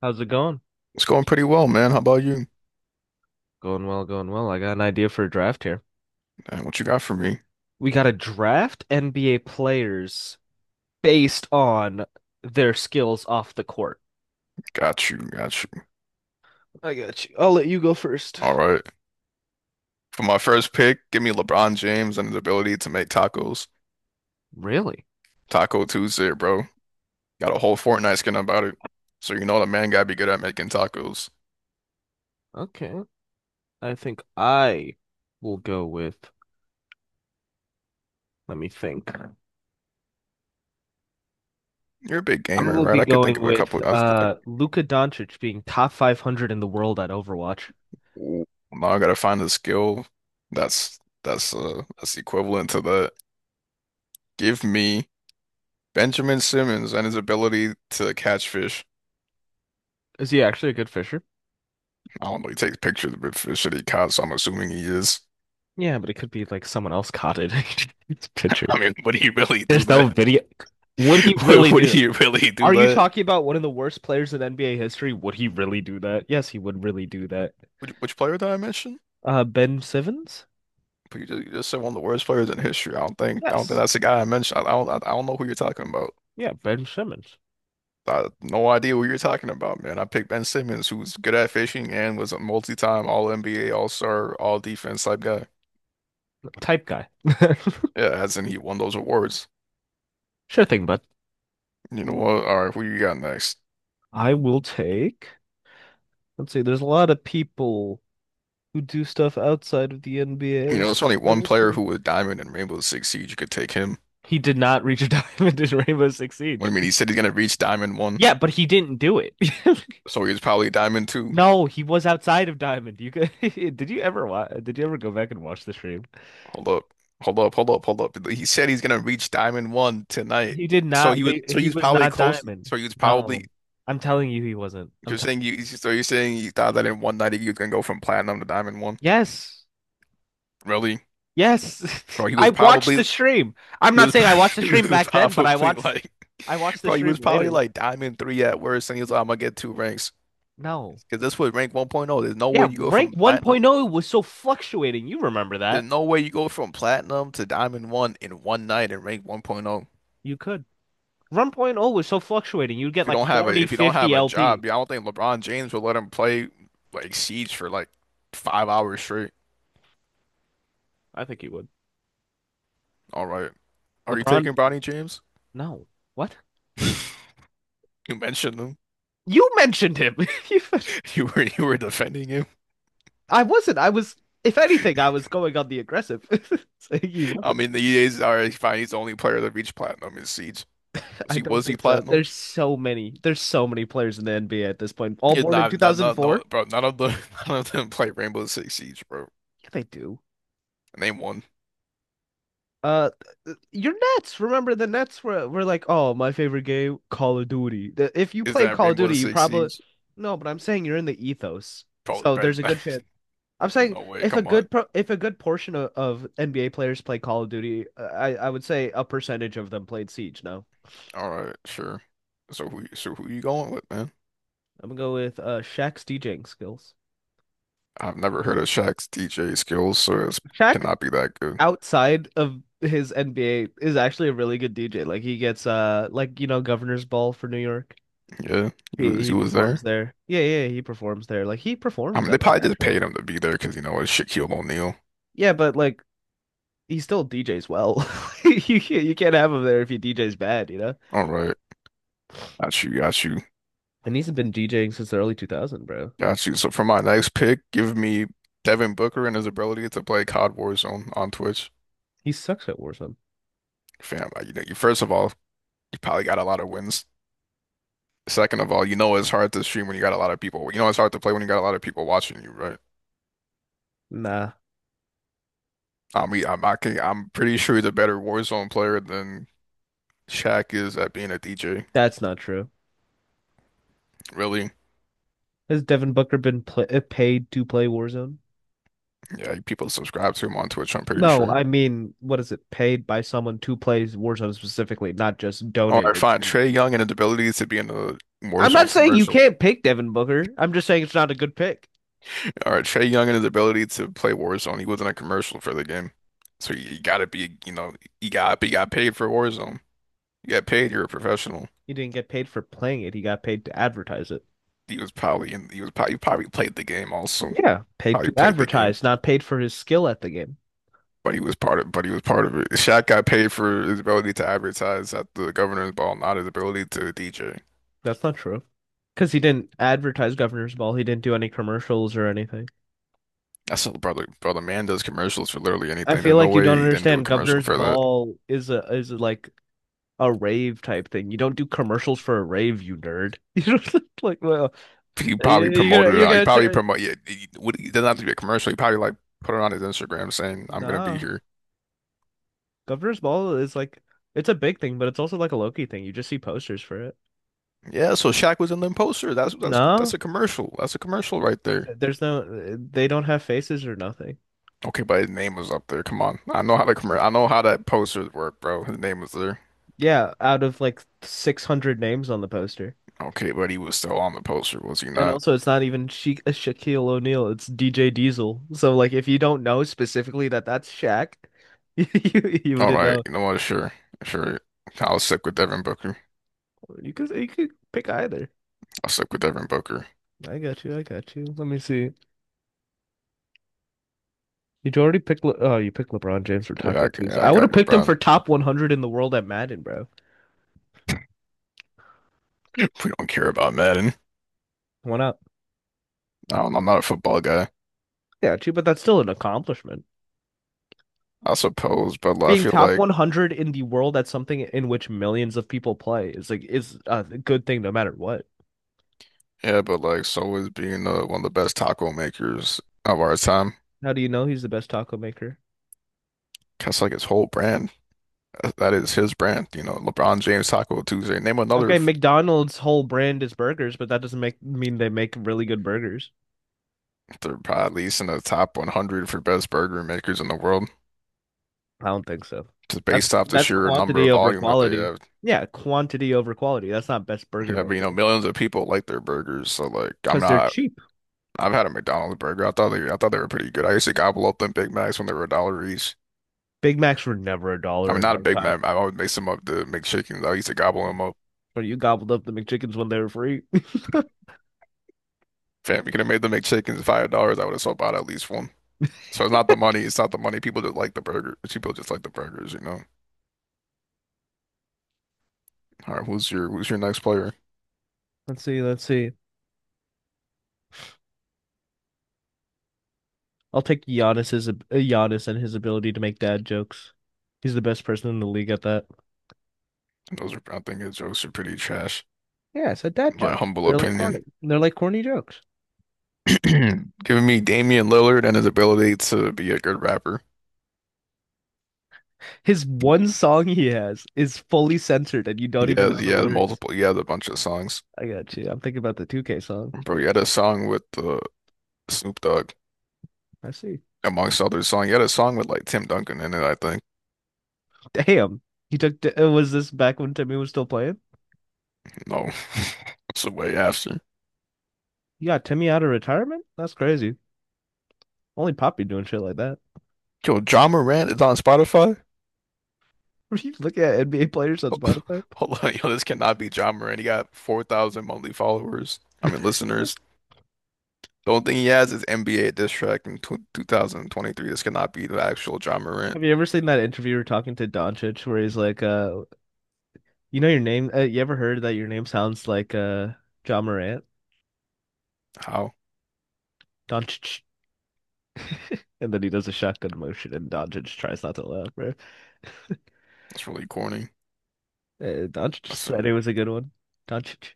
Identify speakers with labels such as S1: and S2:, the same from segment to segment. S1: How's it going?
S2: It's going pretty well, man. How about you?
S1: Going well, going well. I got an idea for a draft here.
S2: What you got for me?
S1: We got to draft NBA players based on their skills off the court.
S2: Got you, got you.
S1: I got you. I'll let you go first.
S2: All right. For my first pick, give me LeBron James and his ability to make tacos.
S1: Really?
S2: Taco Tuesday, bro. Got a whole Fortnite skin about it. So you know the man gotta be good at making tacos.
S1: Okay. I think I will go with, let me think.
S2: You're a big
S1: I
S2: gamer,
S1: will
S2: right?
S1: be
S2: I could think
S1: going
S2: of a
S1: with
S2: couple. I,
S1: Luka Doncic being top 500 in the world at Overwatch.
S2: ooh, now I gotta find a skill that's that's equivalent to that. Give me Benjamin Simmons and his ability to catch fish.
S1: Is he actually a good fisher?
S2: I don't know. He takes pictures of the fish that he caught, so I'm assuming he is.
S1: Yeah, but it could be like someone else caught it. It's picture.
S2: I mean, would he really do
S1: There's
S2: that?
S1: no video. Would he
S2: Would,
S1: really
S2: would
S1: do—
S2: he really do
S1: Are you
S2: that?
S1: talking about one of the worst players in NBA history? Would he really do that? Yes, he would really do that.
S2: Which player did I mention?
S1: Ben Simmons?
S2: But you just said one of the worst players in history. I don't think
S1: Yes.
S2: that's the guy I mentioned. I don't know who you're talking about.
S1: Yeah, Ben Simmons.
S2: I no idea what you're talking about, man. I picked Ben Simmons, who's good at fishing and was a multi-time All NBA, All Star, All Defense type guy.
S1: Type guy.
S2: Yeah, as in he won those awards.
S1: Sure thing, bud.
S2: You know what? All right, who you got next?
S1: I will take. Let's see, there's a lot of people who do stuff outside of the
S2: You
S1: NBA.
S2: know, it's only
S1: I
S2: one
S1: will
S2: player
S1: take.
S2: who was Diamond in Rainbow Six Siege. You could take him.
S1: He did not reach a diamond in Rainbow Six
S2: What
S1: Siege.
S2: do you mean? He said he's gonna reach Diamond one,
S1: Yeah, but he didn't do it.
S2: so he's probably Diamond two.
S1: No, he was outside of Diamond. You could, did you ever go back and watch the stream?
S2: Hold up. Hold up. Hold up. Hold up. He said he's gonna reach Diamond One tonight.
S1: He did
S2: So
S1: not
S2: he was
S1: re
S2: so he
S1: he
S2: was
S1: was
S2: probably
S1: not
S2: close.
S1: Diamond.
S2: So he was
S1: No.
S2: probably.
S1: I'm telling you he wasn't. I'm
S2: you're
S1: telling—
S2: saying you so you're saying you thought that in one night you can go from platinum to diamond one?
S1: Yes.
S2: Really?
S1: Yes.
S2: Bro, he
S1: I
S2: was
S1: watched
S2: probably
S1: the stream. I'm
S2: he
S1: not
S2: was,
S1: saying I watched the
S2: he
S1: stream
S2: was
S1: back then, but I
S2: probably
S1: watched
S2: like
S1: I watched the
S2: he was
S1: stream
S2: probably
S1: later.
S2: like diamond three at worst and he was like, I'm gonna get two ranks.
S1: No.
S2: Because this was rank 1.0. There's no way
S1: Yeah,
S2: you go
S1: rank
S2: from platinum.
S1: 1.0 was so fluctuating. You remember
S2: There's
S1: that.
S2: no way you go from platinum to diamond one in one night in rank 1.0.
S1: You could. 1.0 was so fluctuating. You'd
S2: If
S1: get
S2: you
S1: like
S2: don't have a
S1: 40, fifty 50
S2: job,
S1: LP.
S2: yeah, I don't think LeBron James will let him play like Siege for like 5 hours straight.
S1: I think you would.
S2: All right. Are you
S1: LeBron,
S2: taking Bronny James?
S1: no. What?
S2: You mentioned him.
S1: You mentioned him. You—
S2: You were defending him.
S1: I wasn't. I was, if anything, I was going on the aggressive. Saying he
S2: I
S1: wasn't.
S2: mean the EA's already fine, he's the only player that reached platinum in Siege. Was
S1: I
S2: he
S1: don't
S2: was he
S1: think so.
S2: platinum?
S1: There's so many. There's so many players in the NBA at this point. All
S2: Yeah,
S1: born in
S2: nah, no no no
S1: 2004?
S2: bro, none of the none of them played Rainbow Six Siege, bro.
S1: Yeah, they do.
S2: Name one.
S1: Uh, your Nets. Remember the Nets were like, oh, my favorite game, Call of Duty. The— If you
S2: Is
S1: played
S2: that
S1: Call of
S2: Rainbow
S1: Duty, you
S2: Six
S1: probably—
S2: Siege?
S1: No, but I'm saying you're in the ethos,
S2: Bro,
S1: so
S2: bro,
S1: there's a good chance. I'm saying
S2: no way,
S1: if a
S2: come on.
S1: good pro if a good portion of NBA players play Call of Duty, I would say a percentage of them played Siege. No,
S2: All right, sure. So who you going with, man?
S1: I'm gonna go with Shaq's DJing skills.
S2: I've never heard of Shaq's DJ skills, so it
S1: Shaq
S2: cannot be that good.
S1: outside of his NBA is actually a really good DJ. Like he gets like Governor's Ball for New York.
S2: Yeah, he
S1: He
S2: was he
S1: he
S2: was
S1: performs
S2: there.
S1: there. Yeah, yeah, he performs there. Like he
S2: I
S1: performs
S2: mean, they
S1: at like
S2: probably just
S1: actual—
S2: paid him to be there because you know it's Shaquille O'Neal.
S1: Yeah, but like he still DJs well. You can't have him there if he DJs bad, you know?
S2: All right, got you, got you,
S1: And he's been DJing since the early 2000, bro.
S2: got you. So for my next pick, give me Devin Booker and his ability to play COD Warzone on Twitch.
S1: He sucks at Warzone.
S2: Fam, like, you first of all, you probably got a lot of wins. Second of all, you know it's hard to stream when you got a lot of people. You know it's hard to play when you got a lot of people watching you, right?
S1: Nah,
S2: I mean, I'm pretty sure he's a better Warzone player than Shaq is at being a DJ.
S1: that's not true.
S2: Really?
S1: Has Devin Booker been pl paid to play Warzone?
S2: Yeah, people subscribe to him on Twitch, I'm pretty
S1: No,
S2: sure.
S1: I mean, what is it? Paid by someone to play Warzone specifically, not just
S2: All right,
S1: donated
S2: fine.
S1: to.
S2: Trae Young and his ability to be in a
S1: I'm not
S2: Warzone
S1: saying you
S2: commercial.
S1: can't pick Devin Booker. I'm just saying it's not a good pick.
S2: All right, Trae Young and his ability to play Warzone. He was in a commercial for the game. So gotta be, you got paid for Warzone. You got paid, you're a professional.
S1: He didn't get paid for playing it. He got paid to advertise it.
S2: He was probably played the game also.
S1: Yeah, paid
S2: Probably
S1: to
S2: played the game.
S1: advertise, not paid for his skill at the game.
S2: But he was part of it. Shaq got paid for his ability to advertise at the governor's ball, not his ability to DJ.
S1: That's not true. Because he didn't advertise Governor's Ball. He didn't do any commercials or anything.
S2: That's what, brother, bro. The man does commercials for literally
S1: I
S2: anything.
S1: feel
S2: There's no
S1: like you
S2: way
S1: don't
S2: he didn't do a
S1: understand.
S2: commercial
S1: Governor's
S2: for that.
S1: Ball is a is like a rave type thing. You don't do commercials for a rave, you nerd. You don't like, well,
S2: He probably
S1: you- are
S2: promoted it
S1: you're
S2: out. He
S1: gonna
S2: probably
S1: turn.
S2: promote. Yeah, it doesn't have to be a commercial. He probably like put it on his Instagram saying, "I'm gonna be
S1: No,
S2: here."
S1: Governor's Ball is like it's a big thing, but it's also like a Loki thing. You just see posters for it.
S2: Yeah, so Shaq was in the poster. That's that's
S1: No,
S2: that's a commercial. That's a commercial right there.
S1: there's no— they don't have faces or nothing.
S2: Okay, but his name was up there. Come on, I know how the commer. I know how that posters work, bro. His name was there.
S1: Yeah, out of like 600 names on the poster.
S2: Okay, but he was still on the poster, was he
S1: And
S2: not?
S1: also, it's not even Shaquille O'Neal, it's DJ Diesel. So, like, if you don't know specifically that that's Shaq, you
S2: All
S1: wouldn't
S2: right,
S1: know.
S2: you know what? Sure, sure. I'll stick with Devin Booker.
S1: You could pick either.
S2: I'll stick with Devin Booker.
S1: I got you. I got you. Let me see. You already picked. Oh, you picked LeBron James for Taco
S2: Yeah,
S1: Tuesday.
S2: I
S1: I would
S2: got
S1: have picked him
S2: LeBron.
S1: for top 100 in the world at Madden, bro.
S2: We don't care about Madden.
S1: Why not?
S2: I'm not a football guy,
S1: Yeah, true, but that's still an accomplishment.
S2: I suppose, but like, I
S1: Being
S2: feel
S1: top
S2: like,
S1: 100 in the world at something in which millions of people play is like is a good thing no matter what.
S2: yeah, but like, so is being one of the best taco makers of our time.
S1: How do you know he's the best taco maker?
S2: That's like his whole brand. That is his brand. You know, LeBron James Taco Tuesday. Name another
S1: Okay,
S2: f-
S1: McDonald's whole brand is burgers, but that doesn't make mean they make really good burgers.
S2: they're probably at least in the top 100 for best burger makers in the world,
S1: I don't think so.
S2: just
S1: That's
S2: based off the
S1: that's
S2: sheer number
S1: quantity
S2: of
S1: over
S2: volume that they
S1: quality.
S2: have.
S1: Yeah, quantity over quality. That's not best burger
S2: Yeah, but you know,
S1: maker
S2: millions of people like their burgers. So like, I'm
S1: because they're
S2: not.
S1: cheap.
S2: I've had a McDonald's burger. I thought they were pretty good. I used to gobble up them Big Macs when they were a dollar each.
S1: Big Macs were never a
S2: I
S1: dollar
S2: mean,
S1: in
S2: not a
S1: our
S2: Big
S1: time,
S2: man. I always make some of the McChickens. I used to gobble them up.
S1: but you gobbled up the McChickens when they were free.
S2: Fam, we could have made the McChickens $5. I would have sold out at least one. So it's not the money. It's not the money. People just like the burger. People just like the burgers. All right, who's your next player?
S1: Let's see, let's see. I'll take Giannis and his ability to make dad jokes. He's the best person in the league at that.
S2: I think his jokes are pretty trash,
S1: Yeah, it's a dad
S2: my
S1: joke.
S2: humble
S1: They're like
S2: opinion.
S1: corny. They're like corny jokes.
S2: Giving me Damian Lillard and his ability to be a good rapper.
S1: His one song he has is fully censored and you don't
S2: He
S1: even
S2: has
S1: know
S2: he
S1: the
S2: has
S1: lyrics.
S2: multiple. He has a bunch of songs,
S1: I got you. I'm thinking about the 2K song.
S2: bro.
S1: Yeah.
S2: He had a song with Snoop Dogg,
S1: I see.
S2: amongst others. Song he had a song with like Tim Duncan in it, I think.
S1: Damn. He took was this back when Timmy was still playing?
S2: No, that's the way after.
S1: You got Timmy out of retirement? That's crazy. Only Poppy doing shit like that.
S2: Yo, John Morant is on Spotify?
S1: Were you looking at NBA players on Spotify?
S2: Hold on, yo, this cannot be John Morant. He got 4,000 monthly followers. I mean, listeners. The only thing he has is NBA diss track in tw 2023. This cannot be the actual John Morant.
S1: Have you ever seen that interviewer talking to Doncic where he's like, you know your name. You ever heard that your name sounds like John Morant?
S2: How?
S1: Doncic, and then he does a shotgun motion, and Doncic tries not to laugh, bro.
S2: That's really corny.
S1: Doncic
S2: That's a,
S1: said it was a good one. Doncic.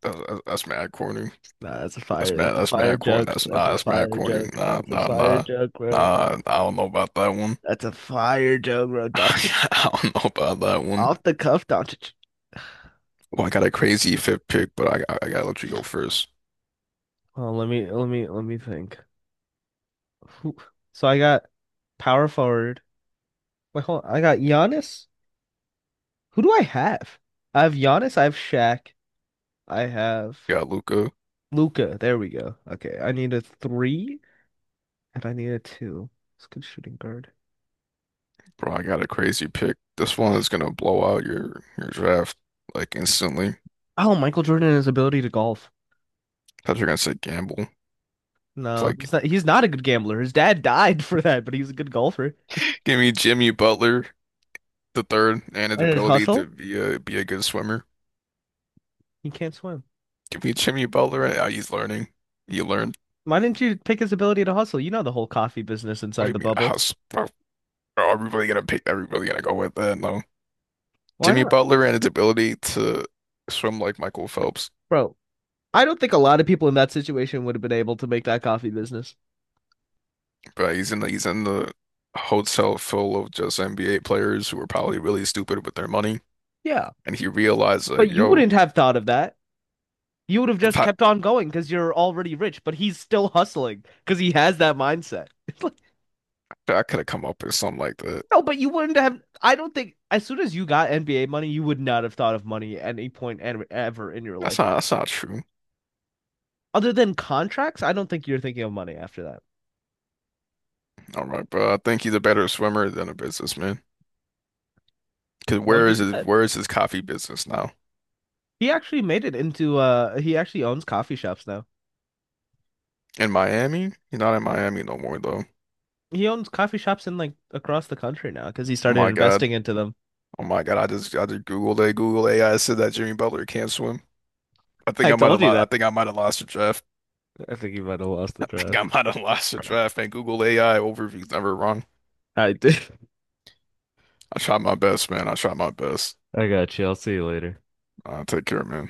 S2: that's mad corny.
S1: Nah, that's a
S2: That's
S1: fire.
S2: mad.
S1: That's a
S2: That's
S1: fire
S2: mad corny.
S1: joke.
S2: That's
S1: That's
S2: nah.
S1: a
S2: That's mad
S1: fire
S2: corny.
S1: joke.
S2: Nah,
S1: That's a
S2: nah,
S1: fire
S2: nah,
S1: joke, bro.
S2: nah. I don't know about that one.
S1: That's a fire joke, bro. Doncic
S2: I don't know about that one.
S1: off the cuff, Doncic.
S2: Well, I got a crazy fifth pick, but I gotta let you go first.
S1: Oh, let me think. Who? So I got power forward. Wait, hold on. I got Giannis. Who do I have? I have Giannis. I have Shaq. I have
S2: Got Luca.
S1: Luca. There we go. Okay, I need a three and I need a two. It's a good shooting guard.
S2: Bro, I got a crazy pick. This one is gonna blow out your draft like instantly.
S1: Oh, Michael Jordan and his ability to golf.
S2: Thought you are gonna say Gamble. It's
S1: No,
S2: like
S1: he's not. He's not a good gambler. His dad died for that, but he's a good golfer.
S2: give me Jimmy Butler the third and his
S1: And his
S2: ability to
S1: hustle?
S2: be a good swimmer.
S1: He can't swim.
S2: Give me Jimmy Butler and he's learning. He learned.
S1: Why didn't you pick his ability to hustle? You know the whole coffee business
S2: What do
S1: inside
S2: you
S1: the
S2: mean?
S1: bubble.
S2: How's are we really gonna pick? Are we really gonna go with that? No.
S1: Why
S2: Jimmy
S1: not,
S2: Butler and his ability to swim like Michael Phelps.
S1: bro? I don't think a lot of people in that situation would have been able to make that coffee business.
S2: But he's in the hotel full of just NBA players who are probably really stupid with their money.
S1: Yeah,
S2: And he realized
S1: but
S2: like,
S1: you
S2: yo,
S1: wouldn't have thought of that. You would have
S2: if
S1: just
S2: I,
S1: kept on going because you're already rich, but he's still hustling because he has that mindset. It's like,
S2: I could have come up with something like that.
S1: no, but you wouldn't have. I don't think as soon as you got NBA money, you would not have thought of money at any point ever in your
S2: That's
S1: life
S2: not
S1: again.
S2: that's not true.
S1: Other than contracts, I don't think you're thinking of money after that.
S2: All right, bro. I think he's a better swimmer than a businessman. Cause
S1: How would
S2: where
S1: you—
S2: is his where is his coffee business now?
S1: he actually made it into— he actually owns coffee shops now.
S2: In Miami? He's not in Miami no more though.
S1: He owns coffee shops in like across the country now because he
S2: Oh
S1: started
S2: my God.
S1: investing into them.
S2: Oh my God. I just Googled it. Google AI said that Jimmy Butler can't swim. I think
S1: I
S2: I might
S1: told
S2: have
S1: you
S2: lost
S1: that.
S2: the draft.
S1: I think you might have lost the
S2: I think
S1: thread.
S2: I might have lost the draft and Google AI overview's never wrong.
S1: I did.
S2: I tried my best, man. I tried my best.
S1: I got you. I'll see you later.
S2: Take care, man.